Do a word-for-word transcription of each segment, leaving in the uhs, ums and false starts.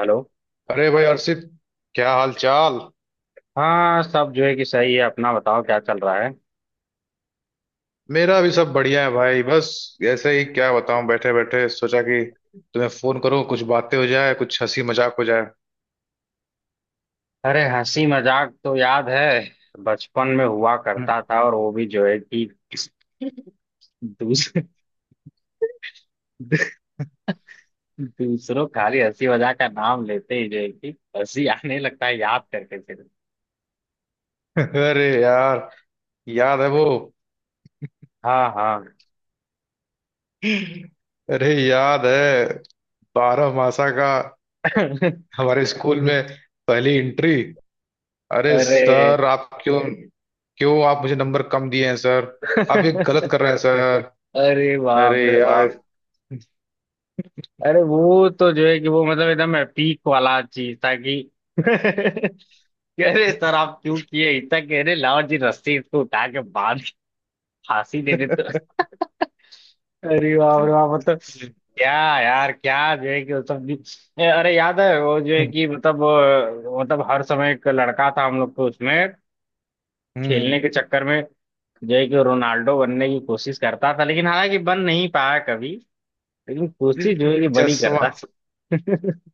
Hello. अरे भाई अर्षित, क्या हाल चाल। हाँ सब जो है कि सही है। अपना बताओ क्या चल रहा है। मेरा भी सब बढ़िया है भाई। बस ऐसे ही क्या बताऊं, बैठे बैठे सोचा कि तुम्हें फोन करूं, कुछ बातें हो जाए, कुछ हंसी मजाक हो जाए। अरे हंसी मजाक तो याद है, बचपन में हुआ करता था और वो भी जो है कि दूस, दूसरों खाली हंसी मजाक का नाम लेते ही जो है कि हंसी आने लगता है याद करके फिर। अरे यार, याद है वो? हाँ हाँ। अरे याद है, बारह मासा का हमारे स्कूल में पहली एंट्री। अरे अरे। सर आप क्यों, क्यों आप मुझे नंबर कम दिए हैं सर। आप ये गलत कर रहे हैं सर। अरे अरे बाप रे बाप, यार। अरे वो तो जो है कि वो मतलब एकदम पीक वाला चीज था कि कह रहे सर आप क्यों किए, इतना कह रहे लाओ जी रस्सी इसको उठा के बांध के फांसी दे देते। अरे बाप रे बाप मतलब, क्या यार क्या जो है कि वो सब भी। ए, अरे याद है वो जो है हम्म। कि मतलब अ, मतलब हर समय एक लड़का था हम लोग को उसमें हम्म। खेलने के चक्कर में जो है कि रोनाल्डो बनने की कोशिश करता था, लेकिन हालांकि बन नहीं पाया कभी, लेकिन कोशिश जो है कि बड़ी चश्मा। करता।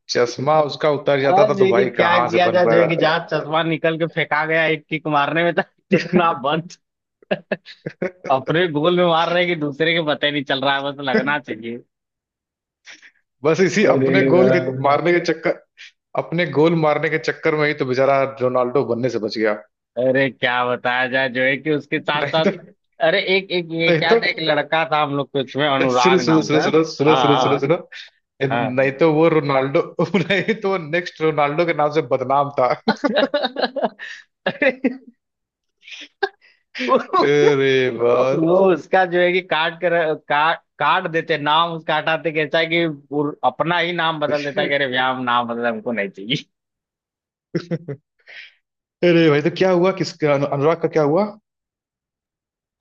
चश्मा उसका उतर हाँ जाता था, तो देखिए भाई क्या कहाँ से किया बन जाए, जो है कि पाया। जहाँ चश्मा निकल के फेंका गया एक किक मारने में था दिखना बंद। अपने गोल में मार रहे हैं कि दूसरे के पता ही नहीं चल रहा है, बस लगना चाहिए। बस इसी अपने अरे गोल के वाह। मारने के चक्कर, अपने गोल मारने के चक्कर में ही तो बेचारा रोनाल्डो बनने से बच गया। अरे क्या बताया जाए जो है कि उसके साथ नहीं साथ तो। अरे एक एक ये नहीं क्या तो। था, एक लड़का था हम लोग के उसमें अनुराग सुनो सुनो नाम सुनो का। सुनो सुनो सुनो सुनो हाँ सुनो। नहीं तो हाँ वो रोनाल्डो, नहीं तो वो नेक्स्ट रोनाल्डो के नाम से बदनाम था। हाँ। अरे वो बात। उसका जो है कि काट कर काट काट देते नाम उसका, हटाते कैसा है कि वो अपना ही नाम बदल देता है कि अरे व्याम नाम बदल हमको नहीं चाहिए। अरे भाई तो क्या हुआ, किसका? अनु, अनुराग का क्या हुआ?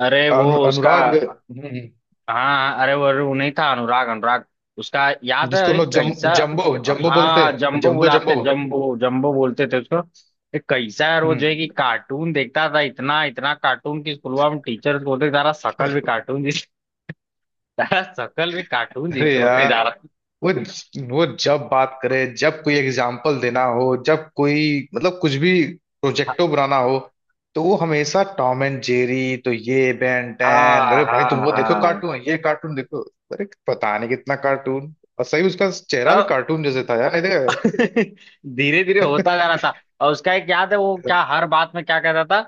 अरे वो अनु, उसका अनुराग। हम्म। हाँ अरे वो, अरे वो नहीं था अनुराग अनुराग। उसका याद है जिसको हम अरे लोग जम, कैसा। जम्बो जम्बो बोलते हाँ हैं, जम्बो जम्बो बुलाते, जम्बो। जम्बो जम्बो बोलते थे उसको। अरे कैसा यार वो जो है हम्म। कि कार्टून देखता था इतना इतना कार्टून कि स्कूल में टीचर्स बोलते थे, तारा शकल भी कार्टून जैसे, तारा शकल भी कार्टून अरे जैसे होते यार। जा रहा है। वो वो जब बात करे, जब कोई एग्जाम्पल देना हो, जब कोई मतलब कुछ भी प्रोजेक्टो बनाना हो, तो वो हमेशा टॉम एंड जेरी, तो ये बेन टेन, हाँ अरे भाई तुम वो देखो हाँ कार्टून, ये कार्टून देखो। अरे पता नहीं कितना कार्टून। और सही, उसका चेहरा भी हाँ। कार्टून जैसे था यार। अरे। धीरे धीरे होता जा रहा था और उसका एक याद है वो क्या हर बात में क्या कहता था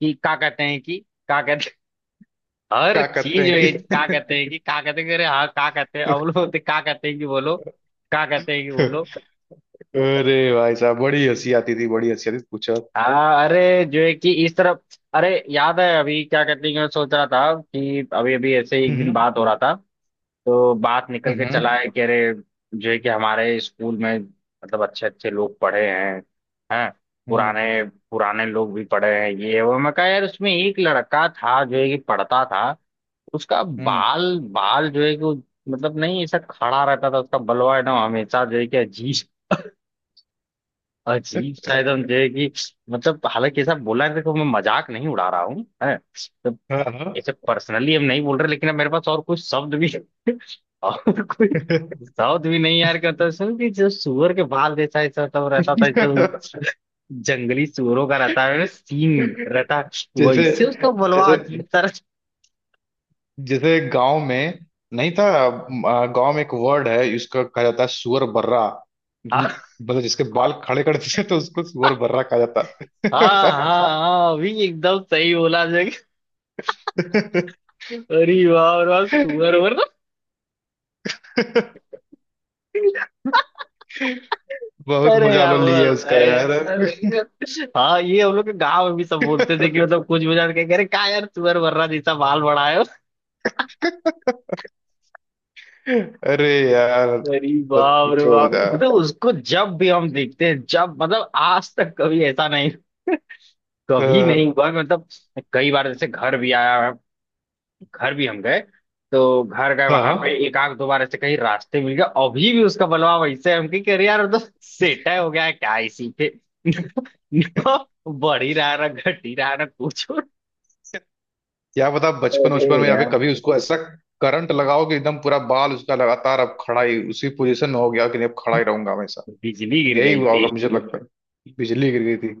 कि क्या कहते हैं कि, क्या कहते। हर क्या करते चीज हैं में कि। क्या कहते हैं कि क्या कहते हैं कि, अरे हाँ क्या कहते हैं, अब लोग बोलते क्या कहते हैं कि बोलो, क्या कहते हैं कि बोलो। अरे भाई साहब, बड़ी हंसी आती थी, बड़ी हंसी आती थी, पूछो। हाँ अरे जो है कि इस तरफ अरे याद है, अभी क्या कहते हैं कि मैं सोच रहा था कि अभी अभी ऐसे ही एक दिन हम्म। बात हो रहा था तो बात निकल के हम्म। चला है कि अरे जो है कि हमारे स्कूल में मतलब अच्छे अच्छे लोग पढ़े हैं हैं हम्म। पुराने, पुराने लोग भी पढ़े हैं। ये वो मैं कहा यार उसमें एक लड़का था जो है कि पढ़ता था। उसका हम्म। बाल बाल जो है कि वो- मतलब नहीं, ऐसा खड़ा रहता था उसका बलवा एकदम, हमेशा जो है कि अजीब, अजीब सा एकदम जो है कि मतलब, हालांकि ऐसा बोला है देखो मैं मजाक नहीं उड़ा रहा हूँ है। हाँ। हाँ। अच्छा पर्सनली हम नहीं बोल रहे, लेकिन अब मेरे पास और कोई शब्द भी और कोई शब्द भी नहीं यार, कहता सुन कि जो सुअर के बाल जैसा ऐसा सब रहता था, जो जंगली सुअरों का रहता है सींग रहता है, जैसे, वैसे उसका बलवा जैसे, अजीब तरह। जैसे गांव में नहीं था। अ, गांव में एक वर्ड है इसका, कहा जाता है सुअर बर्रा। हाँ मतलब जिसके बाल खड़े कर देते तो उसको सुअर बर्रा कहा जाता। हाँ हाँ, हाँ अभी एकदम सही बोला जग। अरे वाह अरे वाह है। सुअर उअर। बहुत अरे मजा यार लो लिए बस, उसका यार। अरे- हाँ ये हम लोग के गांव में भी सब बोलते थे कि मतलब कुछ बजा के कह रहे का यार सुअर वर्रा जैसा बाल बड़ा है। अरे यार अरे मत बाप रे पूछो बाप, बता। तो उसको जब भी हम देखते हैं जब मतलब आज तक कभी ऐसा नहीं, अ, कभी नहीं हुआ मतलब, कई बार जैसे घर भी आया, घर भी हम गए, तो घर गए हाँ। वहां पे हाँ। एक आध दो बार ऐसे कहीं रास्ते मिल गया, अभी भी उसका बलवा वैसे है, हम की अरे यार वो तो सेटा हो गया है क्या इसी पे। ना बढ़ ही रहा है ना घट ही रहा है ना कुछ और। क्या बता, बचपन अरे बचपन में यहाँ पे यार कभी उसको ऐसा करंट लगाओ कि एकदम पूरा बाल उसका लगातार अब खड़ा ही उसी पोजीशन में हो गया कि नहीं, अब खड़ा ही रहूंगा। बिजली गिर यही हुआ गई होगा मुझे लगता है, बिजली गिर गई थी,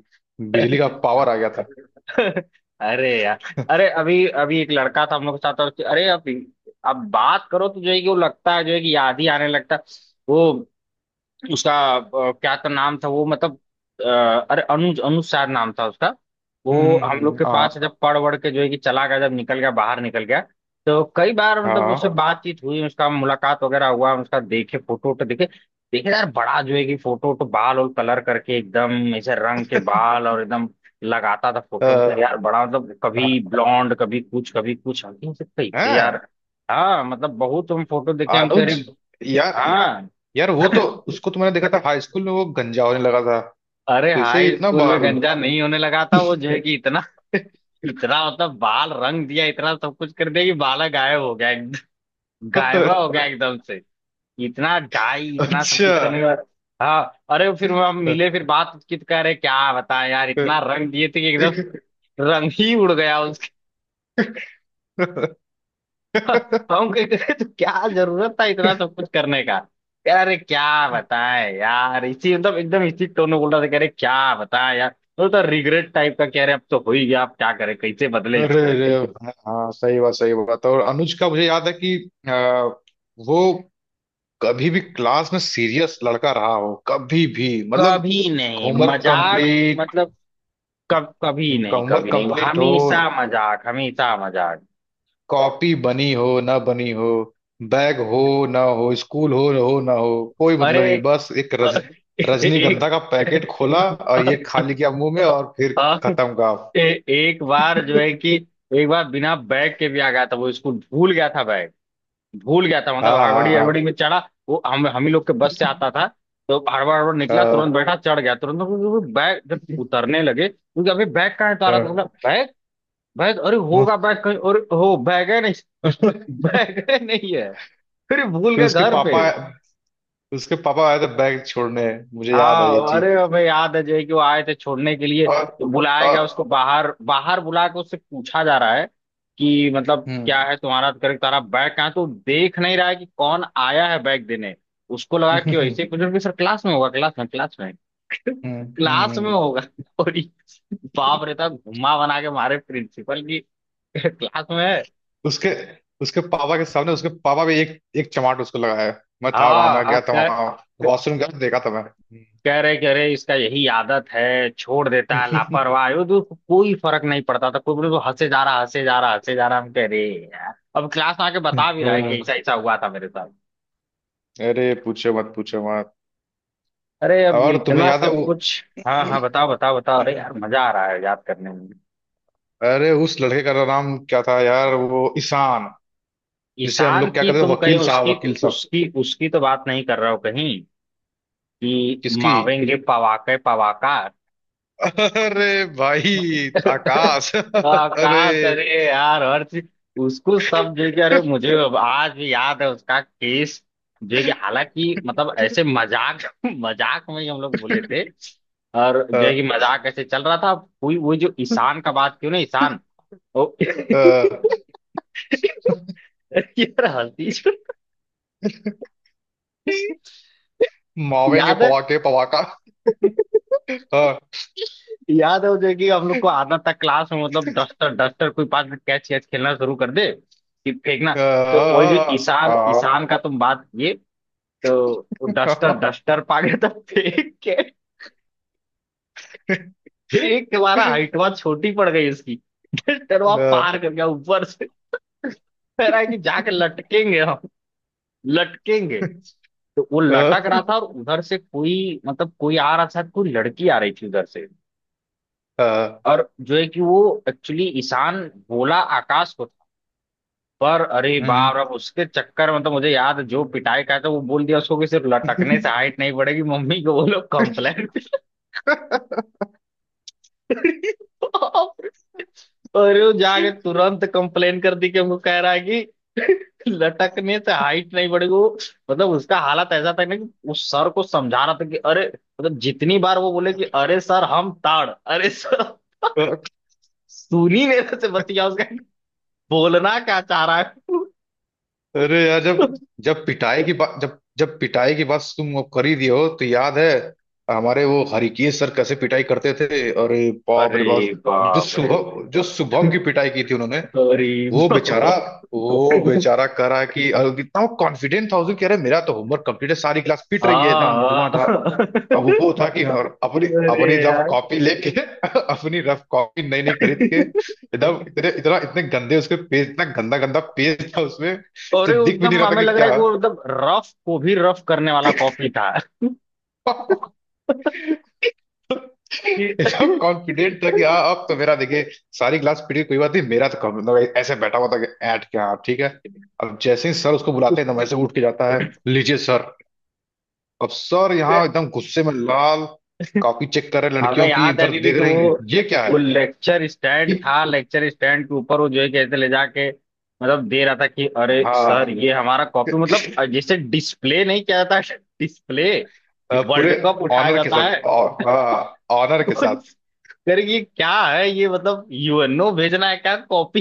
बिजली का थी। पावर आ गया था। अरे यार, अरे अभी अभी एक लड़का था हम लोग के साथ और अरे अब अब बात करो तो जो है कि वो लगता है जो है कि याद ही आने लगता है, वो उसका अ, क्या तो नाम था वो मतलब, अ, अरे अनुज अनुसार नाम था उसका। हम्म। वो हम्म। हम हम्म। लोग के पास हाँ। जब पढ़ वढ़ के जो है कि चला गया, जब निकल गया बाहर निकल गया तो कई बार मतलब उससे हाँ। बातचीत हुई, उसका मुलाकात वगैरह हुआ, उसका देखे फोटो वोटो देखे। देखे यार बड़ा जो है कि फोटो वोटो बाल और कलर करके एकदम ऐसे रंग के बाल और एकदम लगाता था अ, फोटो, कर यार बड़ा मतलब कभी ब्लॉन्ड कभी कुछ कभी कुछ, हम कहे, "ये सब कैसे हाँ। यार"। हाँ मतलब बहुत हम फोटो देखे, हम कह रहे अनुज यार, हाँ। यार वो तो, उसको तो मैंने देखा था हाई स्कूल में, वो गंजा होने लगा था। तो अरे इसे हाई इतना स्कूल में बार। गंजा नहीं होने लगा था, वो जो है कि इतना इतना मतलब बाल रंग दिया इतना सब कुछ कर दिया कि बाला गायब हो गया एकदम, गायबा हो गया एकदम से इतना डाई इतना सब अच्छा। कुछ करने के बाद। हाँ। अरे फिर वो हम मिले, फिर बात की, तो कह रहे क्या बताएं यार इतना रंग दिए थे कि एकदम रंग ही उड़ गया। हम कहते तो क्या जरूरत था इतना सब कुछ करने का। कह रहा, अरे क्या बताएं यार, इसी मतलब एकदम इसी टोन में बोल रहा था, कह रहे क्या बताएं यार वो तो रिग्रेट टाइप का कह रहे अब तो हो ही गया, अब क्या करें कैसे बदले अरे इसको। अरे। हाँ सही बात, सही बात। और अनुज का मुझे याद है कि अ, वो कभी भी क्लास में सीरियस लड़का रहा हो, कभी भी। मतलब कभी नहीं होमवर्क मजाक, कंप्लीट, मतलब कब कभी नहीं, होमवर्क कभी नहीं, कंप्लीट हो, हमेशा मजाक हमेशा मजाक। कॉपी बनी हो ना बनी हो, बैग हो ना हो, स्कूल हो हो ना हो, कोई मतलब अरे नहीं। बस एक रज, एक रजनीगंधा का पैकेट खोला और ये खा लिया मुंह में, और फिर हाँ, खत्म काम। ए, एक बार जो है कि एक बार बिना बैग के भी आ गया था वो स्कूल, भूल गया था बैग, भूल गया था मतलब, हाँ। हाँ। हड़बड़ी हड़बड़ी हाँ। में चढ़ा। वो हम हम ही लोग के बस से आता था, तो हड़बड़ हड़बड़ निकला तुरंत, हाँ। बैठा चढ़ गया तुरंत, तो वो बैग जब उतरने लगे क्योंकि अभी बैग कहाँ है तो आ रहा, तो बोला हाँ। बैग, बैग अरे होगा बैग कहीं और हो, बैग है नहीं। बैग है नहीं है, फिर भूल फिर गए उसके घर पे। पापा, उसके पापा आए थे बैग छोड़ने, मुझे याद है ये हाँ चीज। अरे हमें याद है जो है कि वो आए थे छोड़ने के लिए, और, तो बुलाया और गया उसको बाहर, बाहर बुला के उससे पूछा जा रहा है कि मतलब हम्म। क्या है तुम्हारा, करे तुम्हारा बैग कहाँ है? तो देख नहीं रहा है कि कौन आया है बैग देने। उसको लगा कि वैसे ही कुछ ना कुछ, सर क्लास में होगा क्लास में क्लास में हम्म। हम्म। क्लास में हम्म। होगा। और ये बाप रे, था घुमा बना के मारे प्रिंसिपल की क्लास में है। उसके उसके पापा के सामने उसके पापा भी एक एक चमाट उसको लगाया। मैं था वहां, हाँ मैं गया था वहां, वॉशरूम गया, देखा था मैंने। कह रहे, कह रहे इसका यही आदत है, छोड़ देता है लापरवाह है, वो तो उसको कोई फर्क नहीं पड़ता था, कोई बोले तो हंसे जा रहा, हंसे जा रहा, हंसे जा रहा, हम कह रहे यार अब क्लास में आके बता भी रहा है हम्म। कि ऐसा ऐसा हुआ था मेरे साथ। अरे पूछो मत, पूछो मत। अरे अब और तुम्हें इतना याद है सब वो, कुछ, हाँ हाँ बताओ बताओ बताओ, अरे यार मजा आ रहा है याद करने में। अरे उस लड़के का नाम क्या था यार, वो ईशान, जिसे हम ईशान लोग क्या की कहते थे, तुम कहीं वकील साहब, उसकी वकील साहब। उसकी उसकी तो बात नहीं कर रहे हो कहीं कि किसकी? मावेंगे पवाके पवाकार। अरे भाई आकाश। अरे। आकाश, अरे यार हर चीज उसको सब जगह, अरे मुझे अब आज भी याद है उसका केस, जो कि हालांकि मतलब ऐसे मजाक मजाक में ही हम लोग बोले थे और जो है कि अ, मजाक ऐसे चल रहा था, कोई वो जो ईशान का बात क्यों ना ईशान। ओ अ, यार हंसी छूटी। मावेंगे याद है। पवाके पवाका। हाँ। याद है वो जो है कि हम लोग को आदत था क्लास में मतलब डस्टर, डस्टर कोई पास में कैच कैच खेलना शुरू कर दे कि फेंकना, तो वही जो हाँ। ईशान हाँ। हाँ। ईशान का तुम बात किए, तो डस्टर हाँ। डस्टर पागे तो फेंक के एक, हमारा हाइट वहां छोटी पड़ गई उसकी, डस्टर वहां पार हाँ। कर गया ऊपर से। कह रहा है कि जाके लटकेंगे हम, लटकेंगे, तो वो हाँ। लटक रहा था और उधर से कोई मतलब कोई आ रहा था, कोई लड़की आ रही थी उधर से, हाँ। और जो है कि वो एक्चुअली ईशान बोला आकाश को था, पर अरे बाप हम्म। रे उसके चक्कर में तो मुझे याद है, जो पिटाई का था, वो बोल दिया उसको कि सिर्फ लटकने से हाइट नहीं बढ़ेगी मम्मी को बोलो कंप्लेंट। और वो जाके तुरंत कंप्लेन कर दी कि हमको कह रहा है कि लटकने से हाइट नहीं बढ़ेगी, वो मतलब उसका हालत ऐसा था ना कि उस सर को समझा रहा था कि अरे, मतलब जितनी बार वो बोले कि अरे सर हम ताड़ अरे सर, सुन ही नहीं रहे थे बतिया उसका कि बोलना क्या चाह रहा है। अरे यार, जब जब पिटाई की बात जब जब पिटाई की बात तुम अब कर ही दिए हो तो याद है हमारे वो हरिकेश सर कैसे पिटाई करते थे। अरे बाप अरे रे बाप। जो बाप रे शुभम जो शुभम की पिटाई की थी उन्होंने। अरे वो बेचारा बाप। वो बेचारा करा कि, और कितना वो कॉन्फिडेंट था, उसको कह रहे मेरा तो होमवर्क कंप्लीट है, सारी क्लास पिट रही है एकदम हाँ धुआंधार। हाँ। अब वो था कि हाँ, और अपनी अरे अपनी रफ यार, कॉपी लेके अपनी रफ कॉपी नई नई खरीद के एकदम इतने इतना इतने गंदे, उसके पेज इतना गंदा गंदा पेज था उसमें, और जो वो दिख भी नहीं एकदम रहा था हमें कि लग रहा क्या। है कि वो मतलब रफ को भी रफ करने वाला कॉपी था एकदम कि कॉन्फिडेंट था कि हाँ अब तो मेरा देखिए, सारी क्लास पीटी कोई बात नहीं, मेरा तो कम- मतलब ऐसे बैठा हुआ था कि ऐट क्या, हाँ, ठीक है। अब जैसे ही सर उसको बुलाते उस, हैं एकदम ऐसे उठ के जाता है, लीजिए सर। अब सर यहाँ एकदम गुस्से में लाल, कॉपी चेक कर रहे हैं हमें लड़कियों की, याद है इधर अभी भी देख कि रहे वो हैं ये क्या वो है। लेक्चर स्टैंड कि था, लेक्चर स्टैंड के ऊपर वो जो है कैसे ले जाके मतलब दे रहा था कि अरे सर हाँ ये हमारा कॉपी, मतलब जैसे डिस्प्ले नहीं किया जाता, डिस्प्ले अ, पूरे वर्ल्ड कप उठाया ऑनर के जाता साथ, है। ऑ- हाँ ऑनर के साथ। कर ये क्या है, ये मतलब यूएनओ भेजना है क्या कॉपी,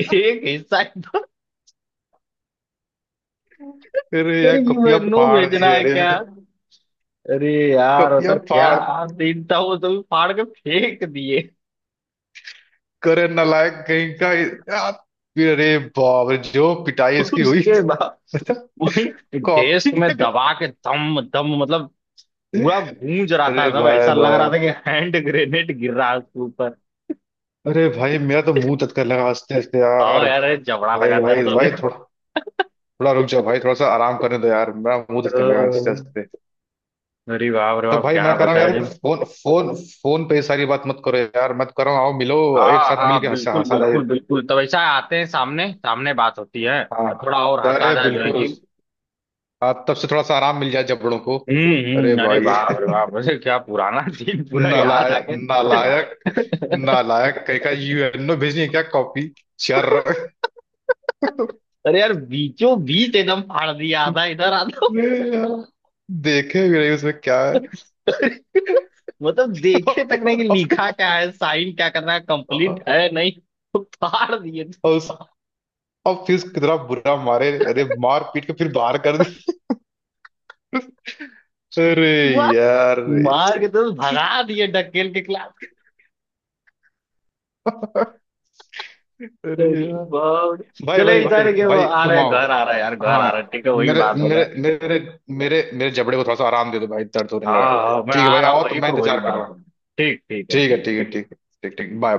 एक हिस्सा, अरे यार अरे कपिया यूएनओ फाड़ भेजना दी, है अरे क्या। यार अरे यार कपिया मतलब फाड़ क्या दिन था, वो तो फाड़ के फेंक दिए। करे नालायक कहीं का यार। अरे बाप रे जो पिटाई इसकी हुई, उसके बाद मतलब वही डेस्क कॉपी में के। दबा के दम दम मतलब पूरा गूंज रहा था, अरे सब भाई ऐसा लग रहा भाई। था कि हैंड ग्रेनेड गिर रहा है उसके ऊपर। अरे भाई मेरा तो मुंह तत्कर लगा हंसते हंसते आओ यार। यार ये जबड़ा लगा भाई भाई दर्द होने। भाई, थोड़ा थोड़ा रुक जाओ भाई, थोड़ा सा आराम करने दो यार, मेरा मुंह तत्कर लगा हंसते अह, हंसते। अरे बाप रे तो बाप भाई क्या मैं कह रहा हूँ बताया यार, जी। फोन फोन फोन पे ये सारी बात मत करो यार, मत करो, आओ मिलो एक हाँ साथ मिलके हाँ हंसा बिल्कुल हंसा। बिल्कुल बिल्कुल, तब ऐसा आते हैं सामने सामने बात होती है, हाँ। थोड़ा और हंसा अरे जाए जो है बिल्कुल। कि। हाँ तब से थोड़ा सा आराम मिल जाए जबड़ों को। हम्म अरे हम्म, अरे भाई। बाप रे बाप, अरे क्या पुराना दिन पूरा याद आ नालायक, गया। नालायक, नालायक कहीं का, यूएनओ भेजनी है क्या कॉपी, चर। अरे यार बीचों बीच एकदम फाड़ दिया था, इधर आता। ये यार, देखे भी नहीं उसमें क्या है। मतलब देखे तक नहीं कि और फिर, लिखा क्या है साइन क्या करना है कंप्लीट और है, नहीं तो फाड़ दिए। उस और फिर कितना बुरा मारे, अरे मार पीट के फिर बाहर कर दी। अरे वाह! यार। मार के तो भगा दिए, ढकेल के क्लास। अरे अरे यार। बाप रे। भाई चलो भाई भाई इधर के वो भाई आ रहे तुम हैं, आओ। घर आ रहा है यार, घर आ हाँ। रहा है, ठीक है वही मेरे बात मेरे होगा। मेरे मेरे मेरे जबड़े को थोड़ा सा आराम दे दो भाई, दर्द होने हाँ लगा है भाई, हाँ मैं ठीक है आ भाई, रहा हूँ, आओ तो वही मैं को वही इंतजार कर रहा बात हूँ। होगा। ठीक, ठीक है ठीक है। ठीक ठीक है। है। ठीक है। ठीक ठीक बाय।